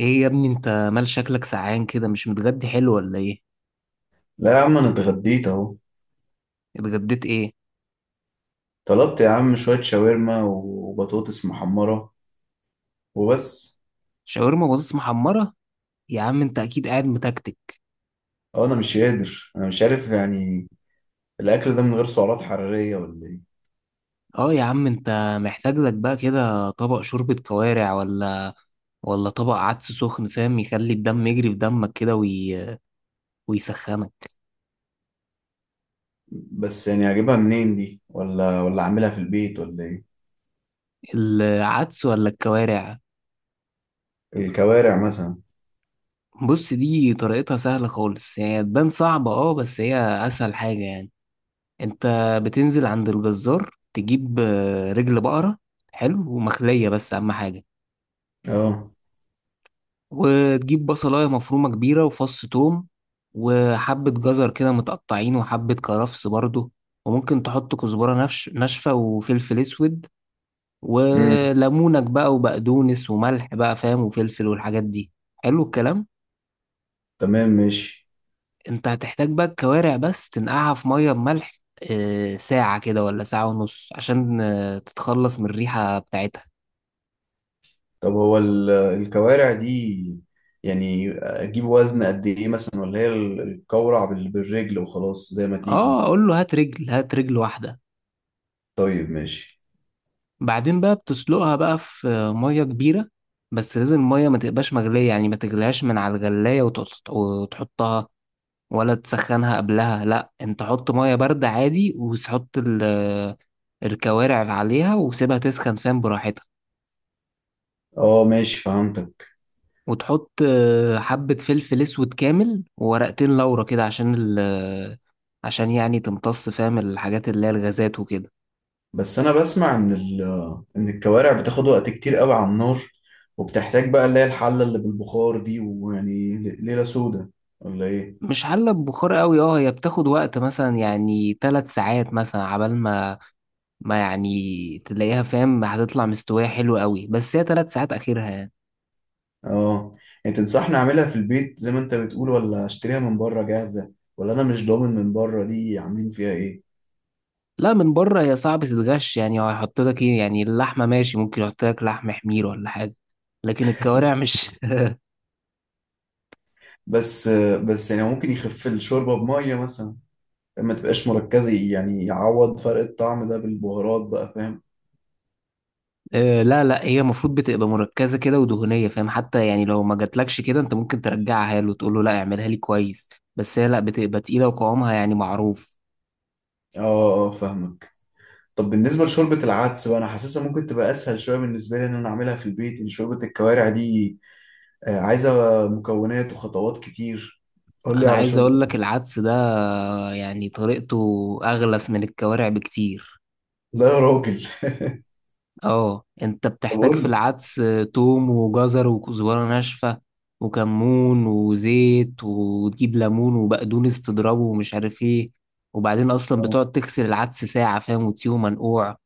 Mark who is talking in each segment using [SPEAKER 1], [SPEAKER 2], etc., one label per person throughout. [SPEAKER 1] ايه يا ابني، انت مال شكلك سعان كده؟ مش متغدي حلو ولا ايه؟
[SPEAKER 2] لا يا عم، انا اتغديت اهو.
[SPEAKER 1] اتغديت ايه؟
[SPEAKER 2] طلبت يا عم شوية شاورما وبطاطس محمرة وبس.
[SPEAKER 1] شاورما بطاطس محمرة؟ يا عم انت اكيد قاعد متكتك.
[SPEAKER 2] اه انا مش قادر، انا مش عارف يعني. الاكل ده من غير سعرات حرارية ولا ايه؟
[SPEAKER 1] اه يا عم انت محتاج لك بقى كده طبق شوربة كوارع، ولا ولا طبق عدس سخن فاهم، يخلي الدم يجري في دمك كده ويسخنك.
[SPEAKER 2] بس يعني اجيبها منين دي، ولا اعملها في البيت ولا ايه؟
[SPEAKER 1] العدس ولا الكوارع؟
[SPEAKER 2] الكوارع مثلا.
[SPEAKER 1] بص، دي طريقتها سهلة خالص، هي تبان صعبة اه بس هي اسهل حاجة يعني. انت بتنزل عند الجزار، تجيب رجل بقرة حلو ومخلية، بس أهم حاجة.
[SPEAKER 2] اه.
[SPEAKER 1] وتجيب بصلاية مفرومة كبيرة وفص توم، وحبة جزر كده متقطعين وحبة كرفس برضو. وممكن تحط كزبرة نفش ناشفة وفلفل أسود
[SPEAKER 2] امم.
[SPEAKER 1] وليمونك بقى وبقدونس وملح بقى فاهم وفلفل والحاجات دي. حلو الكلام.
[SPEAKER 2] تمام ماشي.
[SPEAKER 1] انت هتحتاج بقى الكوارع، بس تنقعها في مية بملح ساعة كده ولا ساعة ونص، عشان تتخلص من الريحة بتاعتها.
[SPEAKER 2] طب هو الكوارع دي يعني اجيب وزن قد ايه مثلا، ولا هي القورع بالرجل وخلاص زي ما
[SPEAKER 1] اه،
[SPEAKER 2] تيجي؟
[SPEAKER 1] اقول له هات رجل، هات رجل واحدة.
[SPEAKER 2] طيب ماشي.
[SPEAKER 1] بعدين بقى بتسلقها بقى في مية كبيرة، بس لازم المية ما تبقاش مغلية، يعني ما تغليهاش من على الغلاية وتحطها، ولا تسخنها قبلها. لا انت حط مية باردة عادي وتحط الكوارع عليها، وسيبها تسخن فاهم براحتها.
[SPEAKER 2] اه ماشي، فهمتك.
[SPEAKER 1] وتحط حبة فلفل اسود كامل وورقتين لورا كده، عشان يعني تمتص فاهم الحاجات اللي هي الغازات وكده.
[SPEAKER 2] بس انا بسمع ان ان الكوارع بتاخد وقت كتير قوي على النار، وبتحتاج بقى اللي هي الحلة اللي بالبخار دي، ويعني ليلة سودة ولا ايه؟
[SPEAKER 1] مش حلة ببخار قوي، اه هي بتاخد وقت مثلا يعني 3 ساعات، مثلا عبال ما يعني تلاقيها فاهم هتطلع مستوية حلوة قوي، بس هي 3 ساعات آخرها يعني.
[SPEAKER 2] اه. يعني تنصحني اعملها في البيت زي ما انت بتقول، ولا اشتريها من بره جاهزة؟ ولا انا مش ضامن من بره دي عاملين فيها ايه.
[SPEAKER 1] لا من بره هي صعب تتغش يعني، هو هيحط لك ايه يعني اللحمة ماشي، ممكن يحط لك لحم حمير ولا حاجة، لكن الكوارع مش.
[SPEAKER 2] بس. بس يعني ممكن يخف الشوربة بمية مثلا، ما تبقاش مركزة، يعني يعوض فرق الطعم ده بالبهارات بقى فاهم.
[SPEAKER 1] آه، لا لا، هي المفروض بتبقى مركزة كده ودهنية فاهم، حتى يعني لو ما جاتلكش كده انت ممكن ترجعها له وتقول له لا اعملها لي كويس. بس هي لا بتبقى تقيلة وقوامها يعني معروف.
[SPEAKER 2] اه. اه فاهمك. طب بالنسبة لشوربة العدس بقى، أنا حاسسها ممكن تبقى أسهل شوية بالنسبة لي إن أنا أعملها في البيت، إن شوربة الكوارع دي عايزة مكونات وخطوات كتير. قول لي
[SPEAKER 1] انا
[SPEAKER 2] على
[SPEAKER 1] عايز
[SPEAKER 2] شوربة.
[SPEAKER 1] اقول لك العدس ده يعني طريقته اغلس من الكوارع بكتير.
[SPEAKER 2] لا يا راجل.
[SPEAKER 1] اه، انت
[SPEAKER 2] طب
[SPEAKER 1] بتحتاج في
[SPEAKER 2] قول لي.
[SPEAKER 1] العدس توم وجزر وكزبرة ناشفة وكمون وزيت، وتجيب ليمون وبقدونس تضربه ومش عارف ايه. وبعدين اصلا
[SPEAKER 2] آه.
[SPEAKER 1] بتقعد تغسل العدس ساعة فاهم وتسيبه منقوع.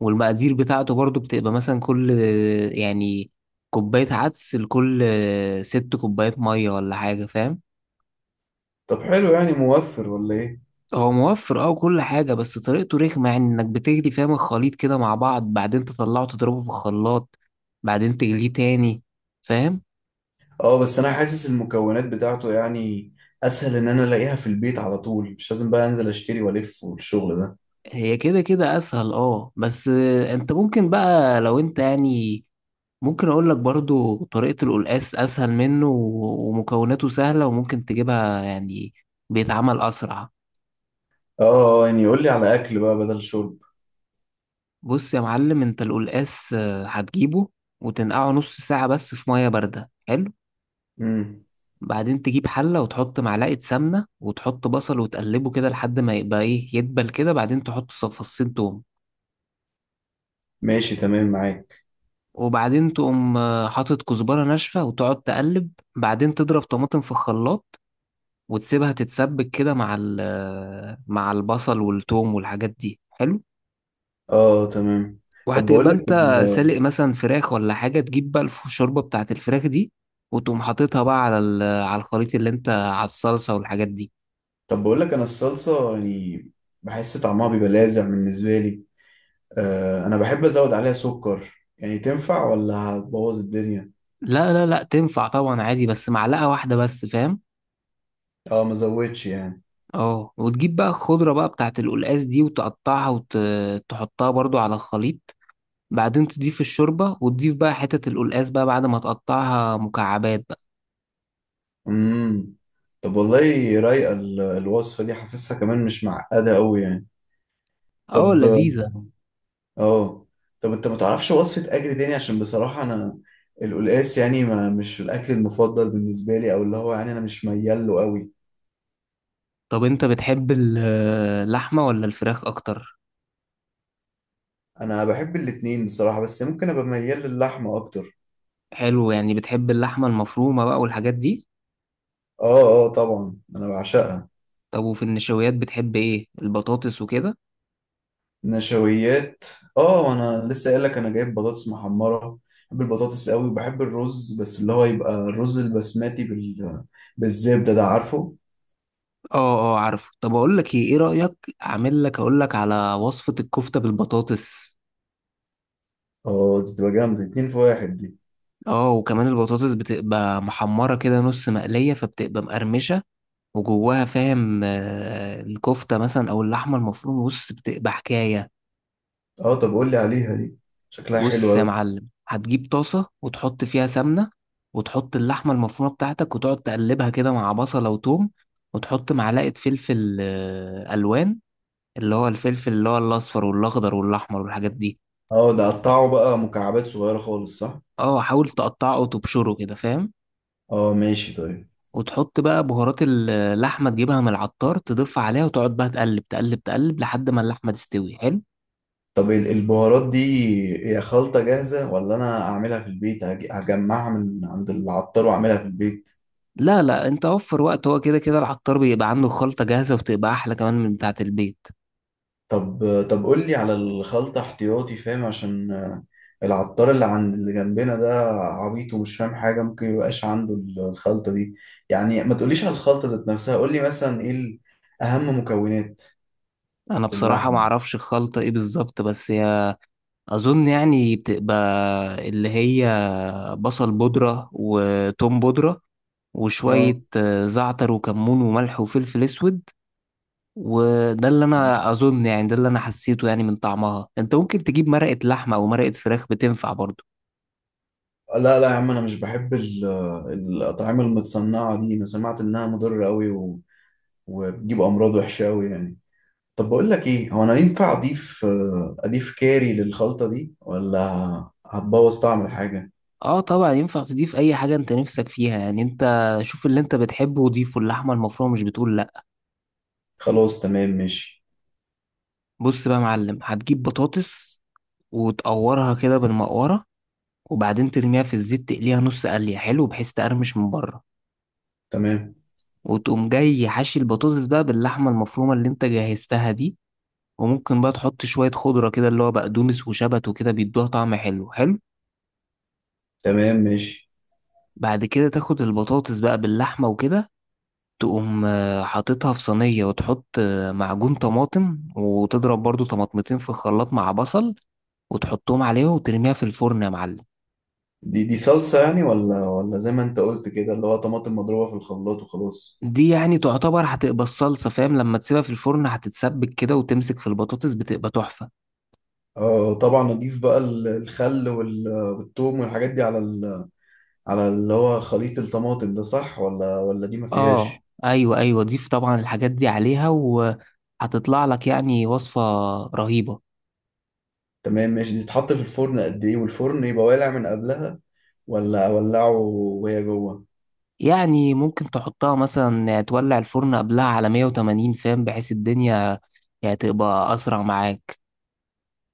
[SPEAKER 1] والمقادير بتاعته برضو بتبقى مثلا كل يعني كوباية عدس لكل 6 كوبايات مية ولا حاجة فاهم.
[SPEAKER 2] طب حلو، يعني موفر ولا إيه؟
[SPEAKER 1] هو موفر اه وكل حاجة، بس طريقته رخمة يعني انك بتجري فاهم الخليط كده مع بعض، بعدين تطلعه تضربه في الخلاط، بعدين تجليه تاني فاهم.
[SPEAKER 2] أه بس أنا حاسس المكونات بتاعته يعني أسهل، إن أنا ألاقيها في البيت على طول، مش لازم بقى أنزل أشتري وألف والشغل ده.
[SPEAKER 1] هي كده كده اسهل اه، بس انت ممكن بقى لو انت يعني، ممكن اقول لك برضو طريقة القلقاس اسهل منه و- ومكوناته سهلة وممكن تجيبها يعني، بيتعمل اسرع.
[SPEAKER 2] أه. يعني قول لي على أكل بقى بدل شرب.
[SPEAKER 1] بص يا معلم، انت القلقاس هتجيبه وتنقعه نص ساعة بس في مية باردة، حلو.
[SPEAKER 2] امم.
[SPEAKER 1] بعدين تجيب حلة وتحط معلقة سمنة وتحط بصل وتقلبه كده لحد ما يبقى ايه، يدبل كده، بعدين تحط فصين توم.
[SPEAKER 2] ماشي تمام معاك.
[SPEAKER 1] وبعدين تقوم حاطط كزبرة ناشفة وتقعد تقلب. بعدين تضرب طماطم في الخلاط وتسيبها تتسبك كده مع مع البصل والثوم والحاجات دي، حلو.
[SPEAKER 2] أه تمام. طب
[SPEAKER 1] وهتبقى
[SPEAKER 2] بقول لك.
[SPEAKER 1] انت سالق مثلا فراخ ولا حاجة، تجيب بقى الشوربة بتاعت الفراخ دي، وتقوم حاططها بقى على على الخليط اللي انت، على الصلصة والحاجات دي.
[SPEAKER 2] طب بقول لك انا الصلصه يعني بحس طعمها بيبقى لاذع بالنسبه لي. آه انا بحب ازود عليها سكر، يعني تنفع ولا هتبوظ الدنيا؟
[SPEAKER 1] لا لا لا، تنفع طبعا عادي، بس معلقة واحدة بس فاهم.
[SPEAKER 2] اه ما زودش يعني.
[SPEAKER 1] اه، وتجيب بقى الخضرة بقى بتاعت القلقاس دي وتقطعها وتحطها برضو على الخليط. بعدين تضيف الشوربة، وتضيف بقى حتة القلقاس بقى بعد ما تقطعها مكعبات بقى.
[SPEAKER 2] امم. طب والله رايقه الوصفه دي، حاسسها كمان مش معقده قوي يعني.
[SPEAKER 1] اه،
[SPEAKER 2] طب.
[SPEAKER 1] لذيذة.
[SPEAKER 2] اه. طب انت ما تعرفش وصفه اكل تاني، عشان بصراحه انا القلقاس يعني ما مش الاكل المفضل بالنسبه لي، او اللي هو يعني انا مش ميال له قوي.
[SPEAKER 1] طب انت بتحب اللحمة ولا الفراخ اكتر؟
[SPEAKER 2] انا بحب الاتنين بصراحه، بس ممكن ابقى ميال للحمه اكتر.
[SPEAKER 1] حلو، يعني بتحب اللحمة المفرومة بقى والحاجات دي.
[SPEAKER 2] اه. اه طبعا انا بعشقها.
[SPEAKER 1] طب وفي النشويات بتحب ايه، البطاطس وكده؟
[SPEAKER 2] نشويات؟ اه انا لسه قايل لك انا جايب بطاطس محمره. بحب البطاطس قوي وبحب الرز، بس اللي هو يبقى الرز البسماتي بالزبده ده، عارفه.
[SPEAKER 1] اه اه، عارفه. طب اقول لك ايه، ايه رأيك اعمل لك، اقول لك على وصفة الكفتة بالبطاطس.
[SPEAKER 2] اه دي تبقى جامده، اتنين في واحد دي.
[SPEAKER 1] اه، وكمان البطاطس بتبقى محمرة كده نص مقلية فبتبقى مقرمشة، وجواها فاهم الكفتة مثلا أو اللحمة المفرومة، بص بتبقى حكاية.
[SPEAKER 2] اه طب قول لي عليها دي، شكلها حلو
[SPEAKER 1] بص يا
[SPEAKER 2] قوي.
[SPEAKER 1] معلم هتجيب طاسة وتحط فيها سمنة وتحط اللحمة المفرومة بتاعتك وتقعد تقلبها كده مع بصلة وتوم. وتحط معلقة فلفل ألوان، اللي هو الفلفل اللي هو الأصفر والأخضر والأحمر والحاجات دي.
[SPEAKER 2] اه ده قطعه بقى مكعبات صغيره خالص، صح؟
[SPEAKER 1] اه، حاول تقطعه وتبشره كده فاهم.
[SPEAKER 2] اه ماشي طيب.
[SPEAKER 1] وتحط بقى بهارات اللحمة تجيبها من العطار تضيف عليها، وتقعد بقى تقلب تقلب تقلب لحد ما اللحمة تستوي، حلو.
[SPEAKER 2] طب البهارات دي هي خلطه جاهزه، ولا انا اعملها في البيت، هجمعها من عند العطار واعملها في البيت؟
[SPEAKER 1] لا لا، انت وفر وقت، هو كده كده العطار بيبقى عنده خلطة جاهزة وبتبقى احلى كمان من بتاعة البيت.
[SPEAKER 2] طب. طب قول لي على الخلطة احتياطي فاهم، عشان العطار اللي عند اللي جنبنا ده عبيط ومش فاهم حاجة، ممكن ميبقاش عنده الخلطة دي. يعني ما تقوليش على الخلطة ذات نفسها، قول لي مثلا ايه أهم مكونات
[SPEAKER 1] انا بصراحة
[SPEAKER 2] للحم.
[SPEAKER 1] ما اعرفش الخلطة ايه بالظبط، بس هي اظن يعني بتبقى اللي هي بصل بودرة وتوم بودرة
[SPEAKER 2] اه.
[SPEAKER 1] وشوية زعتر وكمون وملح وفلفل اسود. وده اللي انا اظن يعني ده اللي انا حسيته يعني من طعمها. انت ممكن تجيب مرقة لحمة او مرقة فراخ، بتنفع برضه.
[SPEAKER 2] لا لا يا عم، انا مش بحب الأطعمة المتصنعة دي، انا سمعت انها مضرة قوي وبتجيب امراض وحشه قوي يعني. طب بقول لك ايه، هو انا ينفع اضيف اضيف كاري للخلطه دي، ولا هتبوظ طعم الحاجه؟
[SPEAKER 1] اه طبعا، ينفع تضيف اي حاجة انت نفسك فيها يعني. انت شوف اللي انت بتحبه وضيفه، اللحمة المفرومة مش بتقول لا.
[SPEAKER 2] خلاص تمام ماشي.
[SPEAKER 1] بص بقى يا معلم، هتجيب بطاطس وتقورها كده بالمقورة، وبعدين ترميها في الزيت تقليها نص قلية، حلو، بحيث تقرمش من بره.
[SPEAKER 2] تمام.
[SPEAKER 1] وتقوم جاي حاشي البطاطس بقى باللحمة المفرومة اللي انت جهزتها دي. وممكن بقى تحط شوية خضرة كده، اللي هو بقدونس وشبت وكده بيدوها طعم حلو حلو.
[SPEAKER 2] تمام ماشي.
[SPEAKER 1] بعد كده تاخد البطاطس بقى باللحمة وكده، تقوم حاططها في صينية وتحط معجون طماطم وتضرب برضو طماطمتين في الخلاط مع بصل، وتحطهم عليها وترميها في الفرن يا معلم.
[SPEAKER 2] دي صلصة يعني، ولا زي ما انت قلت كده، اللي هو طماطم مضروبة في الخلاط وخلاص؟
[SPEAKER 1] دي يعني تعتبر هتبقى الصلصة فاهم، لما تسيبها في الفرن هتتسبك كده وتمسك في البطاطس، بتبقى تحفة.
[SPEAKER 2] اه طبعا اضيف بقى الخل والثوم والحاجات دي على على اللي هو خليط الطماطم ده، صح ولا دي ما
[SPEAKER 1] اه
[SPEAKER 2] فيهاش؟
[SPEAKER 1] ايوه ايوه، ضيف طبعا الحاجات دي عليها وهتطلع لك يعني وصفة رهيبة.
[SPEAKER 2] تمام ماشي. دي تتحط في الفرن قد ايه، والفرن يبقى والع من قبلها ولا اولعه وهي جوه؟
[SPEAKER 1] يعني ممكن تحطها مثلا تولع الفرن قبلها على 180 فاهم، بحيث الدنيا يعني تبقى أسرع معاك.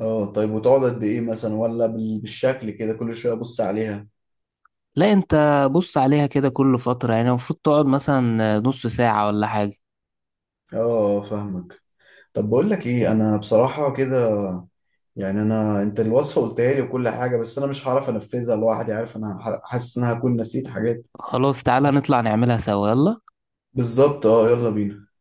[SPEAKER 2] اه طيب، وتقعد قد ايه مثلا، ولا بالشكل كده كل شوية ابص عليها؟
[SPEAKER 1] لا أنت بص عليها كده كل فترة، يعني المفروض تقعد مثلا نص ساعة ولا حاجة.
[SPEAKER 2] اه آه، فاهمك. طب بقول لك ايه، انا بصراحة كده يعني، انا انت الوصفه قلتها لي وكل حاجه، بس انا مش هعرف انفذها لوحدي، عارف انا حاسس ان انا هكون نسيت حاجات.
[SPEAKER 1] خلاص تعالى نطلع نعملها سوا يلا.
[SPEAKER 2] بالظبط اه، يلا بينا.